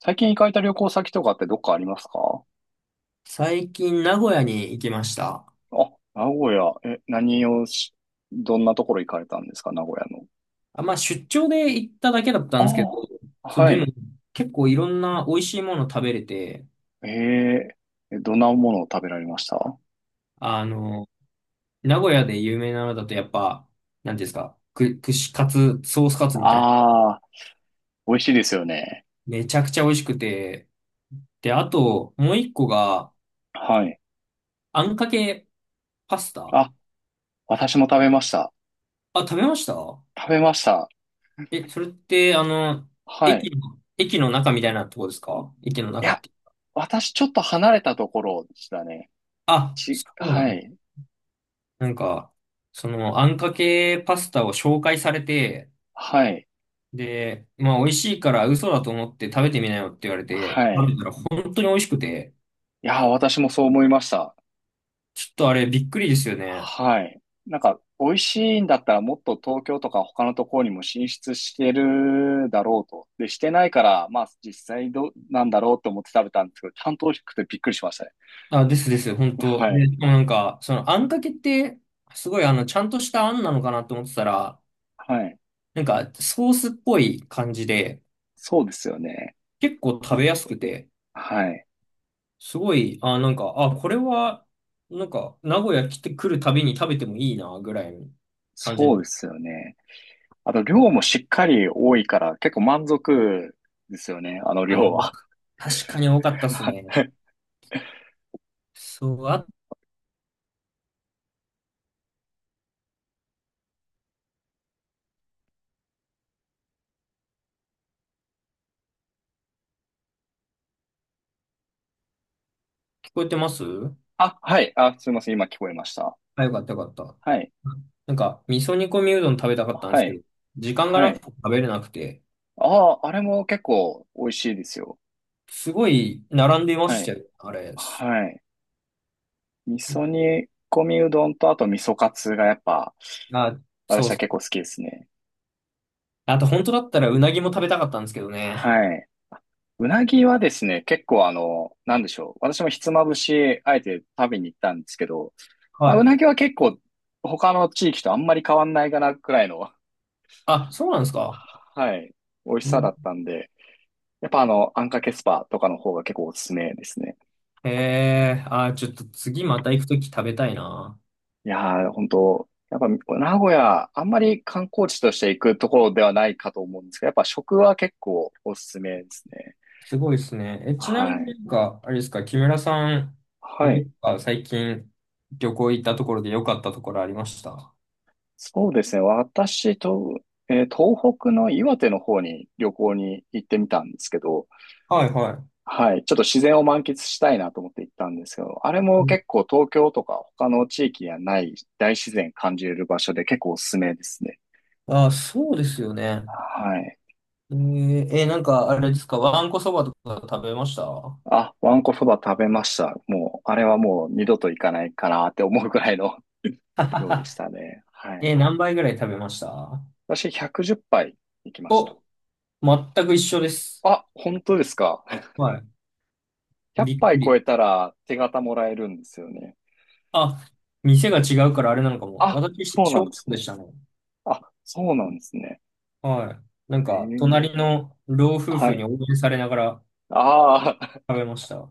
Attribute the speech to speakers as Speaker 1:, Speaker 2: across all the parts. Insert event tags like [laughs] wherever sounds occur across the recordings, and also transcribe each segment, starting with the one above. Speaker 1: 最近行かれた旅行先とかってどっかありますか？
Speaker 2: 最近名古屋に行きました。
Speaker 1: あ、名古屋。何をし、どんなところ行かれたんですか、名古屋の。
Speaker 2: あ、まあ出張で行っただけだったんですけど、
Speaker 1: ああ、
Speaker 2: そう、
Speaker 1: は
Speaker 2: でも
Speaker 1: い。
Speaker 2: 結構いろんな美味しいもの食べれて、
Speaker 1: ええ、どんなものを食べられました？
Speaker 2: あの、名古屋で有名なのだとやっぱ、なんていうんですか、串カツ、ソースカツみたいな。
Speaker 1: ああー、美味しいですよね。
Speaker 2: めちゃくちゃ美味しくて、で、あともう一個が、
Speaker 1: はい。
Speaker 2: あんかけパスタ。
Speaker 1: あ、私も食べました。
Speaker 2: あ、食べました？
Speaker 1: 食べました。
Speaker 2: え、それって、
Speaker 1: はい。
Speaker 2: 駅の中みたいなとこですか、駅の
Speaker 1: い
Speaker 2: 中っ
Speaker 1: や、
Speaker 2: て。
Speaker 1: 私ちょっと離れたところでしたね。
Speaker 2: あ、そうな
Speaker 1: は
Speaker 2: んだ。
Speaker 1: い。
Speaker 2: なんか、あんかけパスタを紹介されて、
Speaker 1: はい。
Speaker 2: で、まあ、美味しいから嘘だと思って食べてみなよって言われ
Speaker 1: は
Speaker 2: て、食
Speaker 1: い。
Speaker 2: べたら本当に美味しくて、
Speaker 1: いや、私もそう思いました。
Speaker 2: ちょっとあれびっくりですよね。
Speaker 1: はい。なんか、美味しいんだったらもっと東京とか他のところにも進出してるだろうと。で、してないから、まあ実際どうなんだろうと思って食べたんですけど、ちゃんと美味しくてびっくりしましたね。
Speaker 2: あ、ですです、本当。
Speaker 1: は
Speaker 2: で、
Speaker 1: い。
Speaker 2: しかもなんか、その、あんかけって、すごいちゃんとしたあんなのかなと思ってたら、
Speaker 1: はい。
Speaker 2: なんか、ソースっぽい感じで、
Speaker 1: そうですよね。
Speaker 2: 結構食べやすくて、
Speaker 1: はい。
Speaker 2: すごい、あ、なんか、あ、これは、なんか、名古屋来てくるたびに食べてもいいな、ぐらいの感
Speaker 1: そうで
Speaker 2: じ。
Speaker 1: すよね。あと、量もしっかり多いから、結構満足ですよね、あの
Speaker 2: あ、
Speaker 1: 量は。
Speaker 2: 確かに多かったっすね。
Speaker 1: [laughs]
Speaker 2: そう、あ、聞こえてます？
Speaker 1: あ、はい。あ、すいません。今聞こえました。
Speaker 2: あ、よかったよかった。
Speaker 1: はい。
Speaker 2: なんか、味噌煮込みうどん食べたかったんで
Speaker 1: は
Speaker 2: すけど、
Speaker 1: い。
Speaker 2: 時間が
Speaker 1: は
Speaker 2: なく
Speaker 1: い。
Speaker 2: て食べれなくて、
Speaker 1: ああ、あれも結構美味しいですよ。
Speaker 2: すごい並んでま
Speaker 1: は
Speaker 2: した
Speaker 1: い。
Speaker 2: よ、あれ。
Speaker 1: はい。味噌煮込みうどんと、あと味噌カツがやっぱ、
Speaker 2: あ、そ
Speaker 1: 私
Speaker 2: う
Speaker 1: は
Speaker 2: そう。
Speaker 1: 結構好きですね。
Speaker 2: あと、本当だったらうなぎも食べたかったんですけどね。
Speaker 1: はい。うなぎはですね、結構なんでしょう。私もひつまぶし、あえて食べに行ったんですけど、ま
Speaker 2: は
Speaker 1: あ、う
Speaker 2: い。
Speaker 1: なぎは結構、他の地域とあんまり変わんないかなくらいの、
Speaker 2: あ、そうなんですか？
Speaker 1: はい、美味し
Speaker 2: う
Speaker 1: さだ
Speaker 2: ん。
Speaker 1: ったんで、やっぱあんかけスパとかの方が結構おすすめですね。
Speaker 2: へえ、あ、ちょっと次また行くとき食べたいな。
Speaker 1: いやー、本当やっぱ名古屋、あんまり観光地として行くところではないかと思うんですけど、やっぱ食は結構おすすめですね。
Speaker 2: すごいですね。え、ちなみ
Speaker 1: は
Speaker 2: に
Speaker 1: い。
Speaker 2: なんか、あれですか、木村さん、ど
Speaker 1: は
Speaker 2: っ
Speaker 1: い。
Speaker 2: か最近旅行行ったところで良かったところありました？
Speaker 1: そうですね。東北の岩手の方に旅行に行ってみたんですけど、
Speaker 2: はいは
Speaker 1: はい。ちょっと自然を満喫したいなと思って行ったんですけど、あれ
Speaker 2: い。
Speaker 1: も
Speaker 2: う
Speaker 1: 結
Speaker 2: ん。
Speaker 1: 構東京とか他の地域にはない大自然感じれる場所で結構おすすめですね。
Speaker 2: あ、そうですよね。
Speaker 1: はい。
Speaker 2: えーえなんかあれですか、わんこそばとか食べました？
Speaker 1: あ、わんこそば食べました。もう、あれはもう二度と行かないかなって思うくらいの、 [laughs] 量でしたね。はい。
Speaker 2: え、何杯ぐらい食べました？
Speaker 1: 私110杯行きました。
Speaker 2: お、全く一緒です。
Speaker 1: あ、本当ですか？
Speaker 2: はい。
Speaker 1: 100
Speaker 2: びっく
Speaker 1: 杯超
Speaker 2: り。
Speaker 1: えたら手形もらえるんですよね。
Speaker 2: あ、店が違うからあれなのかも。
Speaker 1: あ、
Speaker 2: 私、
Speaker 1: そうな
Speaker 2: 小
Speaker 1: んで
Speaker 2: 食
Speaker 1: す
Speaker 2: で
Speaker 1: ね。
Speaker 2: したね。
Speaker 1: あ、そうなんですね。
Speaker 2: はい。なん
Speaker 1: え
Speaker 2: か、
Speaker 1: え、
Speaker 2: 隣の老夫
Speaker 1: は
Speaker 2: 婦に
Speaker 1: い。
Speaker 2: 応援されながら
Speaker 1: あ
Speaker 2: 食べました。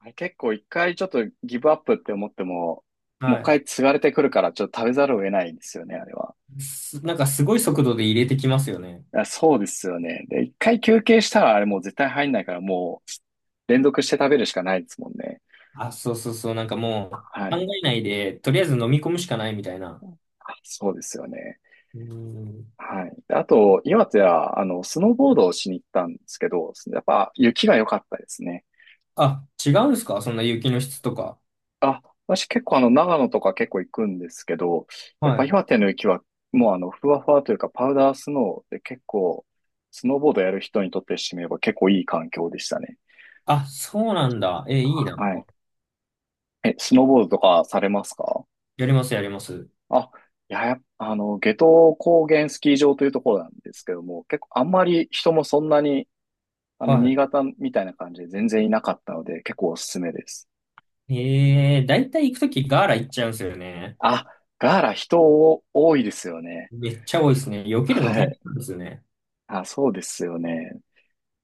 Speaker 1: あ、[laughs] 結構一回ちょっとギブアップって思っても、もう一
Speaker 2: はい。
Speaker 1: 回継がれてくるからちょっと食べざるを得ないんですよね、あれは。
Speaker 2: なんかすごい速度で入れてきますよね。
Speaker 1: そうですよね。で、一回休憩したらあれもう絶対入んないから、もう連続して食べるしかないですもんね。
Speaker 2: あ、そうそうそう。なんかも
Speaker 1: は
Speaker 2: う考
Speaker 1: い。
Speaker 2: えないで、とりあえず飲み込むしかないみたいな。
Speaker 1: あ、そうですよね。
Speaker 2: うん。
Speaker 1: はい。で、あと、岩手は、スノーボードをしに行ったんですけど、やっぱ雪が良かったですね。
Speaker 2: あ、違うんですか、そんな雪の質とか。
Speaker 1: あ、私結構長野とか結構行くんですけど、やっ
Speaker 2: は
Speaker 1: ぱ
Speaker 2: い。
Speaker 1: 岩手の雪はもうふわふわというかパウダースノーで結構、スノーボードやる人にとってしてみれば結構いい環境でしたね。
Speaker 2: あ、そうなんだ。え、いいな。
Speaker 1: はい。え、スノーボードとかされますか？
Speaker 2: やります、やります。
Speaker 1: あ、いや、やっぱ夏油高原スキー場というところなんですけども、結構あんまり人もそんなに、
Speaker 2: は
Speaker 1: 新潟みたいな感じで全然いなかったので、結構おすすめです。
Speaker 2: い。だいたい行くときガーラ行っちゃうんですよね。
Speaker 1: あ、ガーラ人多いですよね。
Speaker 2: めっちゃ多いですね。避けるの
Speaker 1: は
Speaker 2: 大変
Speaker 1: い。
Speaker 2: なんですよね。
Speaker 1: あ、そうですよね。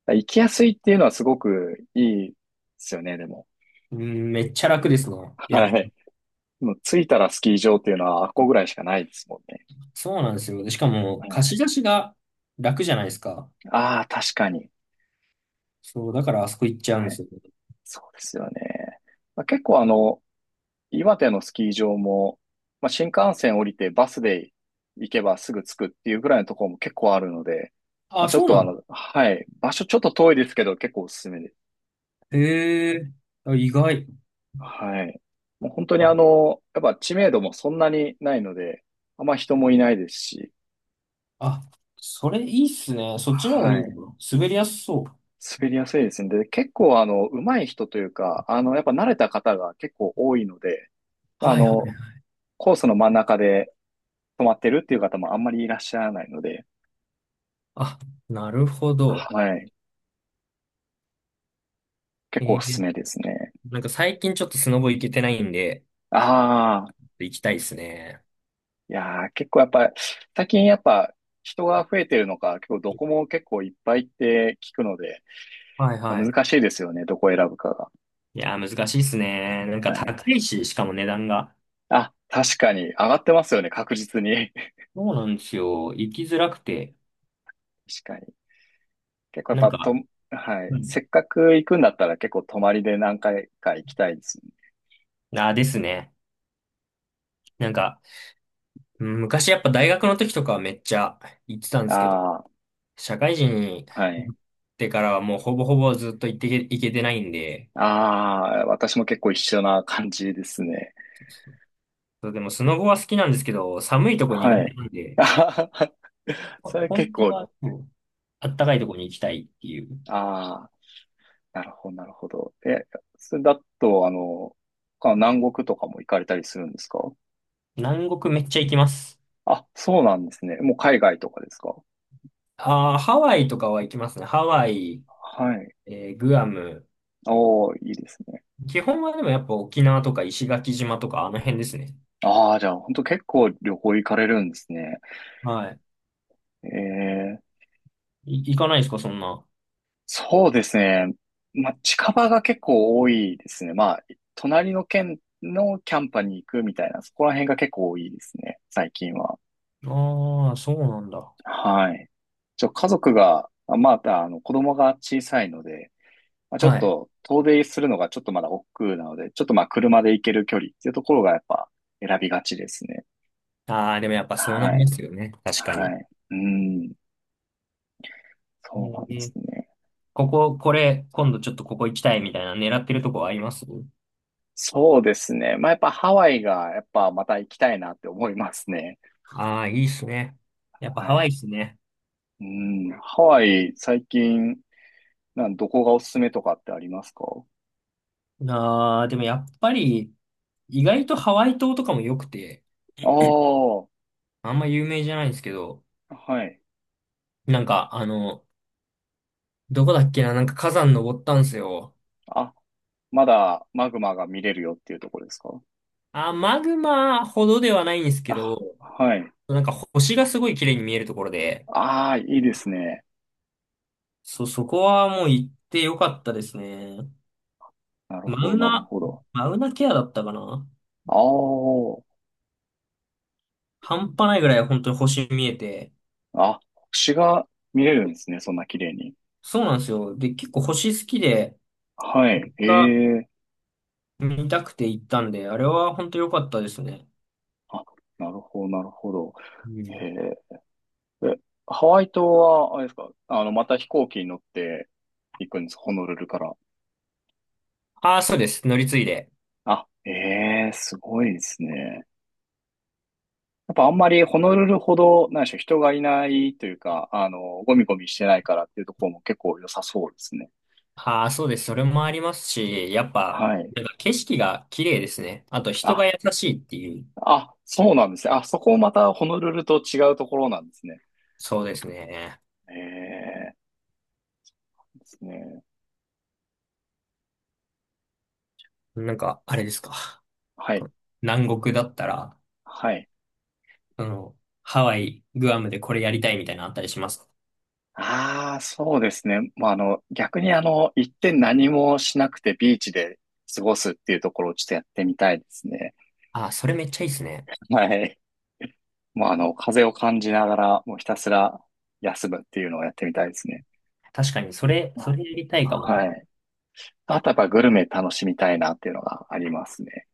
Speaker 1: 行きやすいっていうのはすごくいいですよね、でも。
Speaker 2: うん、めっちゃ楽ですね。いや、
Speaker 1: はい。もう着いたらスキー場っていうのはあっこぐらいしかないですもんね。
Speaker 2: そうなんですよ。でしかも、
Speaker 1: はい、
Speaker 2: 貸し出しが楽じゃないですか。
Speaker 1: ああ、確かに。
Speaker 2: そう、だからあそこ行っちゃうん
Speaker 1: は
Speaker 2: で
Speaker 1: い。
Speaker 2: すよね。
Speaker 1: そうですよね。まあ、結構岩手のスキー場も、まあ、新幹線降りてバスで行けばすぐ着くっていうぐらいのところも結構あるので、まあ、
Speaker 2: あ、
Speaker 1: ちょっ
Speaker 2: そう
Speaker 1: と
Speaker 2: なんだ。
Speaker 1: はい、場所ちょっと遠いですけど結構おすすめです。
Speaker 2: ええ、あ、意外。
Speaker 1: はい。もう本当に
Speaker 2: あ、
Speaker 1: やっぱ知名度もそんなにないので、あんま人もいないですし、
Speaker 2: あ、それいいっすね。そっちの方が
Speaker 1: は
Speaker 2: いい
Speaker 1: い。
Speaker 2: のかな、滑りやすそう。
Speaker 1: 滑りやすいですね。で、結構上手い人というか、やっぱ慣れた方が結構多いので、まあ、
Speaker 2: はいはいはい。
Speaker 1: コースの真ん中で止まってるっていう方もあんまりいらっしゃらないので、
Speaker 2: あ、なるほど。
Speaker 1: はい。結構
Speaker 2: え
Speaker 1: おすす
Speaker 2: え、
Speaker 1: めですね。
Speaker 2: なんか最近ちょっとスノボ行けてないんで、
Speaker 1: ああ、
Speaker 2: 行きたいですね。
Speaker 1: いやー、結構やっぱ、最近やっぱ人が増えてるのか、結構どこも結構いっぱいって聞くので、
Speaker 2: はいはい。
Speaker 1: 難しいですよね、どこを選ぶかが。
Speaker 2: いやー、難しいっすね。なん
Speaker 1: は
Speaker 2: か
Speaker 1: い。
Speaker 2: 高いし、しかも値段が。
Speaker 1: あ、確かに、上がってますよね、確実に。[laughs]
Speaker 2: そうなんですよ。行きづらくて。
Speaker 1: 確かに。結構やっ
Speaker 2: なん
Speaker 1: ぱと、
Speaker 2: か、
Speaker 1: はい。
Speaker 2: うん。
Speaker 1: せっかく行くんだったら結構泊まりで何回か行きたいですね。
Speaker 2: あーですね。なんか、うん、昔やっぱ大学の時とかはめっちゃ行ってたんですけど、
Speaker 1: ああ、
Speaker 2: 社会人に
Speaker 1: は
Speaker 2: な
Speaker 1: い。
Speaker 2: ってからはもうほぼほぼずっと行けてないんで、
Speaker 1: ああ、私も結構一緒な感じですね。
Speaker 2: そうでもスノボは好きなんですけど、寒いとこ苦
Speaker 1: はい。
Speaker 2: 手なんで、
Speaker 1: [laughs] あはは、それ結
Speaker 2: 本当
Speaker 1: 構、
Speaker 2: はそう、あったかいとこに行きたいっていう。
Speaker 1: ああ、なるほど、なるほど。え、それだと、南国とかも行かれたりするんですか？
Speaker 2: 南国めっちゃ行きます。
Speaker 1: あ、そうなんですね。もう海外とかですか？
Speaker 2: ああ、ハワイとかは行きますね。ハワイ、
Speaker 1: はい。
Speaker 2: グアム。
Speaker 1: おー、いいですね。
Speaker 2: 基本はでもやっぱ沖縄とか石垣島とかあの辺ですね。
Speaker 1: ああ、じゃあ、本当結構旅行行かれるんですね。
Speaker 2: はい。
Speaker 1: ええ、
Speaker 2: 行かないですか、そんな。
Speaker 1: そうですね。まあ、近場が結構多いですね。まあ、隣の県のキャンパに行くみたいな、そこら辺が結構多いですね、最近は。
Speaker 2: ああ、そうなんだ。
Speaker 1: はい。家族が、まだ、子供が小さいので、まあ、ちょっ
Speaker 2: はい。
Speaker 1: と遠出するのがちょっとまだ億劫なので、ちょっとまあ車で行ける距離っていうところがやっぱ選びがちですね。
Speaker 2: ああ、でもやっぱそうな
Speaker 1: は
Speaker 2: り
Speaker 1: い。
Speaker 2: ますよね。確か
Speaker 1: は
Speaker 2: に。
Speaker 1: い。うん。
Speaker 2: え
Speaker 1: そうなんです
Speaker 2: ー、
Speaker 1: ね。
Speaker 2: ここ、これ、今度ちょっとここ行きたいみたいな狙ってるとこあります？
Speaker 1: そうですね。まあやっぱハワイがやっぱまた行きたいなって思いますね。
Speaker 2: ああー、いいっすね。やっぱ
Speaker 1: は
Speaker 2: ハワイっ
Speaker 1: い。
Speaker 2: すね。
Speaker 1: うん。ハワイ最近、どこがおすすめとかってありますか？
Speaker 2: ああ、でもやっぱり、意外とハワイ島とかも良くて、
Speaker 1: ああー、
Speaker 2: あんま有名じゃないんですけど、
Speaker 1: はい。
Speaker 2: なんか、あの、どこだっけな、なんか火山登ったんすよ。
Speaker 1: あ、まだマグマが見れるよっていうところですか？
Speaker 2: あー、マグマほどではないんですけ
Speaker 1: あ、
Speaker 2: ど、
Speaker 1: はい。
Speaker 2: なんか星がすごい綺麗に見えるところで、
Speaker 1: ああ、いいですね。
Speaker 2: そこはもう行って良かったですね。
Speaker 1: なる
Speaker 2: マ
Speaker 1: ほど、
Speaker 2: ウ
Speaker 1: なる
Speaker 2: ナ、
Speaker 1: ほど。
Speaker 2: マウナケアだったかな？
Speaker 1: ああ、
Speaker 2: 半端ないぐらい本当に星見えて、
Speaker 1: あ、星が見れるんですね、そんな綺麗に。
Speaker 2: そうなんですよ。で、結構星好きで、
Speaker 1: はい、
Speaker 2: が
Speaker 1: ええ、
Speaker 2: 見たくて行ったんで、あれは本当良かったですね。
Speaker 1: あ、なるほど、なるほど。
Speaker 2: う
Speaker 1: え
Speaker 2: ん。
Speaker 1: ええ、ハワイ島は、あれですか、また飛行機に乗って行くんです、ホノルルから。
Speaker 2: ああ、そうです。乗り継いで。
Speaker 1: あ、ええ、すごいですね。やっぱあんまりホノルルほど、何でしょう、人がいないというか、ゴミゴミしてないからっていうところも結構良さそうですね。
Speaker 2: ああ、そうです。それもありますし、やっぱ、
Speaker 1: はい。
Speaker 2: なんか景色が綺麗ですね。あと人
Speaker 1: あ、
Speaker 2: が優しいっていう。
Speaker 1: あ、そうなんですね。あ、そこもまたホノルルと違うところなんですね。
Speaker 2: そうですね。
Speaker 1: ええですね。
Speaker 2: なんか、あれですか。
Speaker 1: はい。
Speaker 2: 南国だったら、
Speaker 1: はい。
Speaker 2: あの、ハワイ、グアムでこれやりたいみたいなのあったりします？
Speaker 1: ああ、そうですね。まあ、逆に一点何もしなくてビーチで過ごすっていうところをちょっとやってみたいですね。
Speaker 2: ああ、それめっちゃいいですね。
Speaker 1: はい。もう風を感じながら、もうひたすら休むっていうのをやってみたいですね。
Speaker 2: 確かに、それ、それやりたいかも。
Speaker 1: はい。あとやっぱグルメ楽しみたいなっていうのがありますね。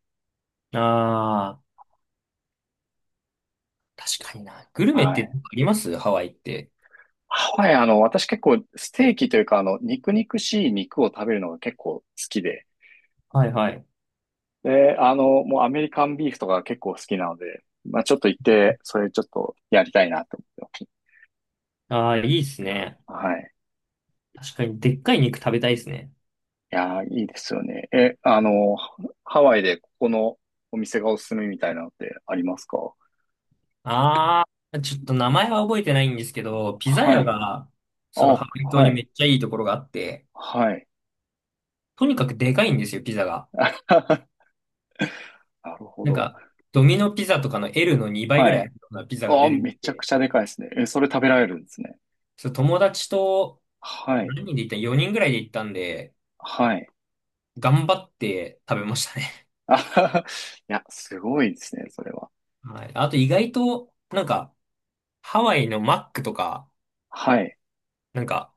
Speaker 2: ああ。確かにな。グルメっ
Speaker 1: は
Speaker 2: て
Speaker 1: い。
Speaker 2: ありますハワイって。
Speaker 1: ハワイ、私結構ステーキというか、肉肉しい肉を食べるのが結構好きで、
Speaker 2: はいはい。
Speaker 1: で、もうアメリカンビーフとか結構好きなので、まあちょっと行って、それちょっとやりたいなと思って
Speaker 2: ああ、いいっすね。
Speaker 1: ます。はい。
Speaker 2: 確かに、でっかい肉食べたいですね。
Speaker 1: いやー、いいですよね。え、ハワイでここのお店がおすすめみたいなのってありますか？
Speaker 2: あー、ちょっと名前は覚えてないんですけど、ピザ
Speaker 1: は
Speaker 2: 屋
Speaker 1: い。
Speaker 2: が、その
Speaker 1: あ、
Speaker 2: ハワイ島
Speaker 1: は
Speaker 2: にめ
Speaker 1: い。
Speaker 2: っちゃいいところがあって、
Speaker 1: はい。
Speaker 2: とにかくでかいんですよ、ピザが。
Speaker 1: [laughs] なるほ
Speaker 2: なん
Speaker 1: ど。
Speaker 2: か、ドミノピザとかの L の2倍ぐ
Speaker 1: は
Speaker 2: らいある
Speaker 1: い。
Speaker 2: ようなピザが
Speaker 1: あ、
Speaker 2: 出てき
Speaker 1: めちゃく
Speaker 2: て、
Speaker 1: ちゃでかいですね。え、それ食べられるんですね。
Speaker 2: そう友達と
Speaker 1: はい。
Speaker 2: 何人で行った？ 4 人ぐらいで行ったんで、
Speaker 1: はい。
Speaker 2: 頑張って食べましたね。
Speaker 1: [laughs] あはは、いや、すごいですね、それは。
Speaker 2: はい。あと意外と、なんか、ハワイのマックとか、
Speaker 1: はい。
Speaker 2: なんか、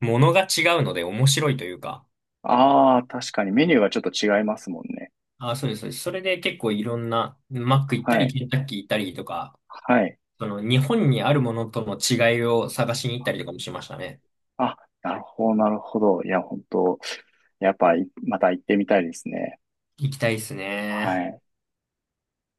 Speaker 2: ものが違うので面白いというか、
Speaker 1: ああ、確かにメニューがちょっと違いますもんね。
Speaker 2: あ、そうです、そうです。それで結構いろんな、マック行った
Speaker 1: は
Speaker 2: り、
Speaker 1: い。
Speaker 2: ケンタッキー行ったりとか、
Speaker 1: はい。
Speaker 2: その日本にあるものとの違いを探しに行ったりとかもしましたね。
Speaker 1: あ、なるほど、なるほど。いや、本当やっぱ、また行ってみたいですね。
Speaker 2: 行きたいです
Speaker 1: は
Speaker 2: ね。
Speaker 1: い。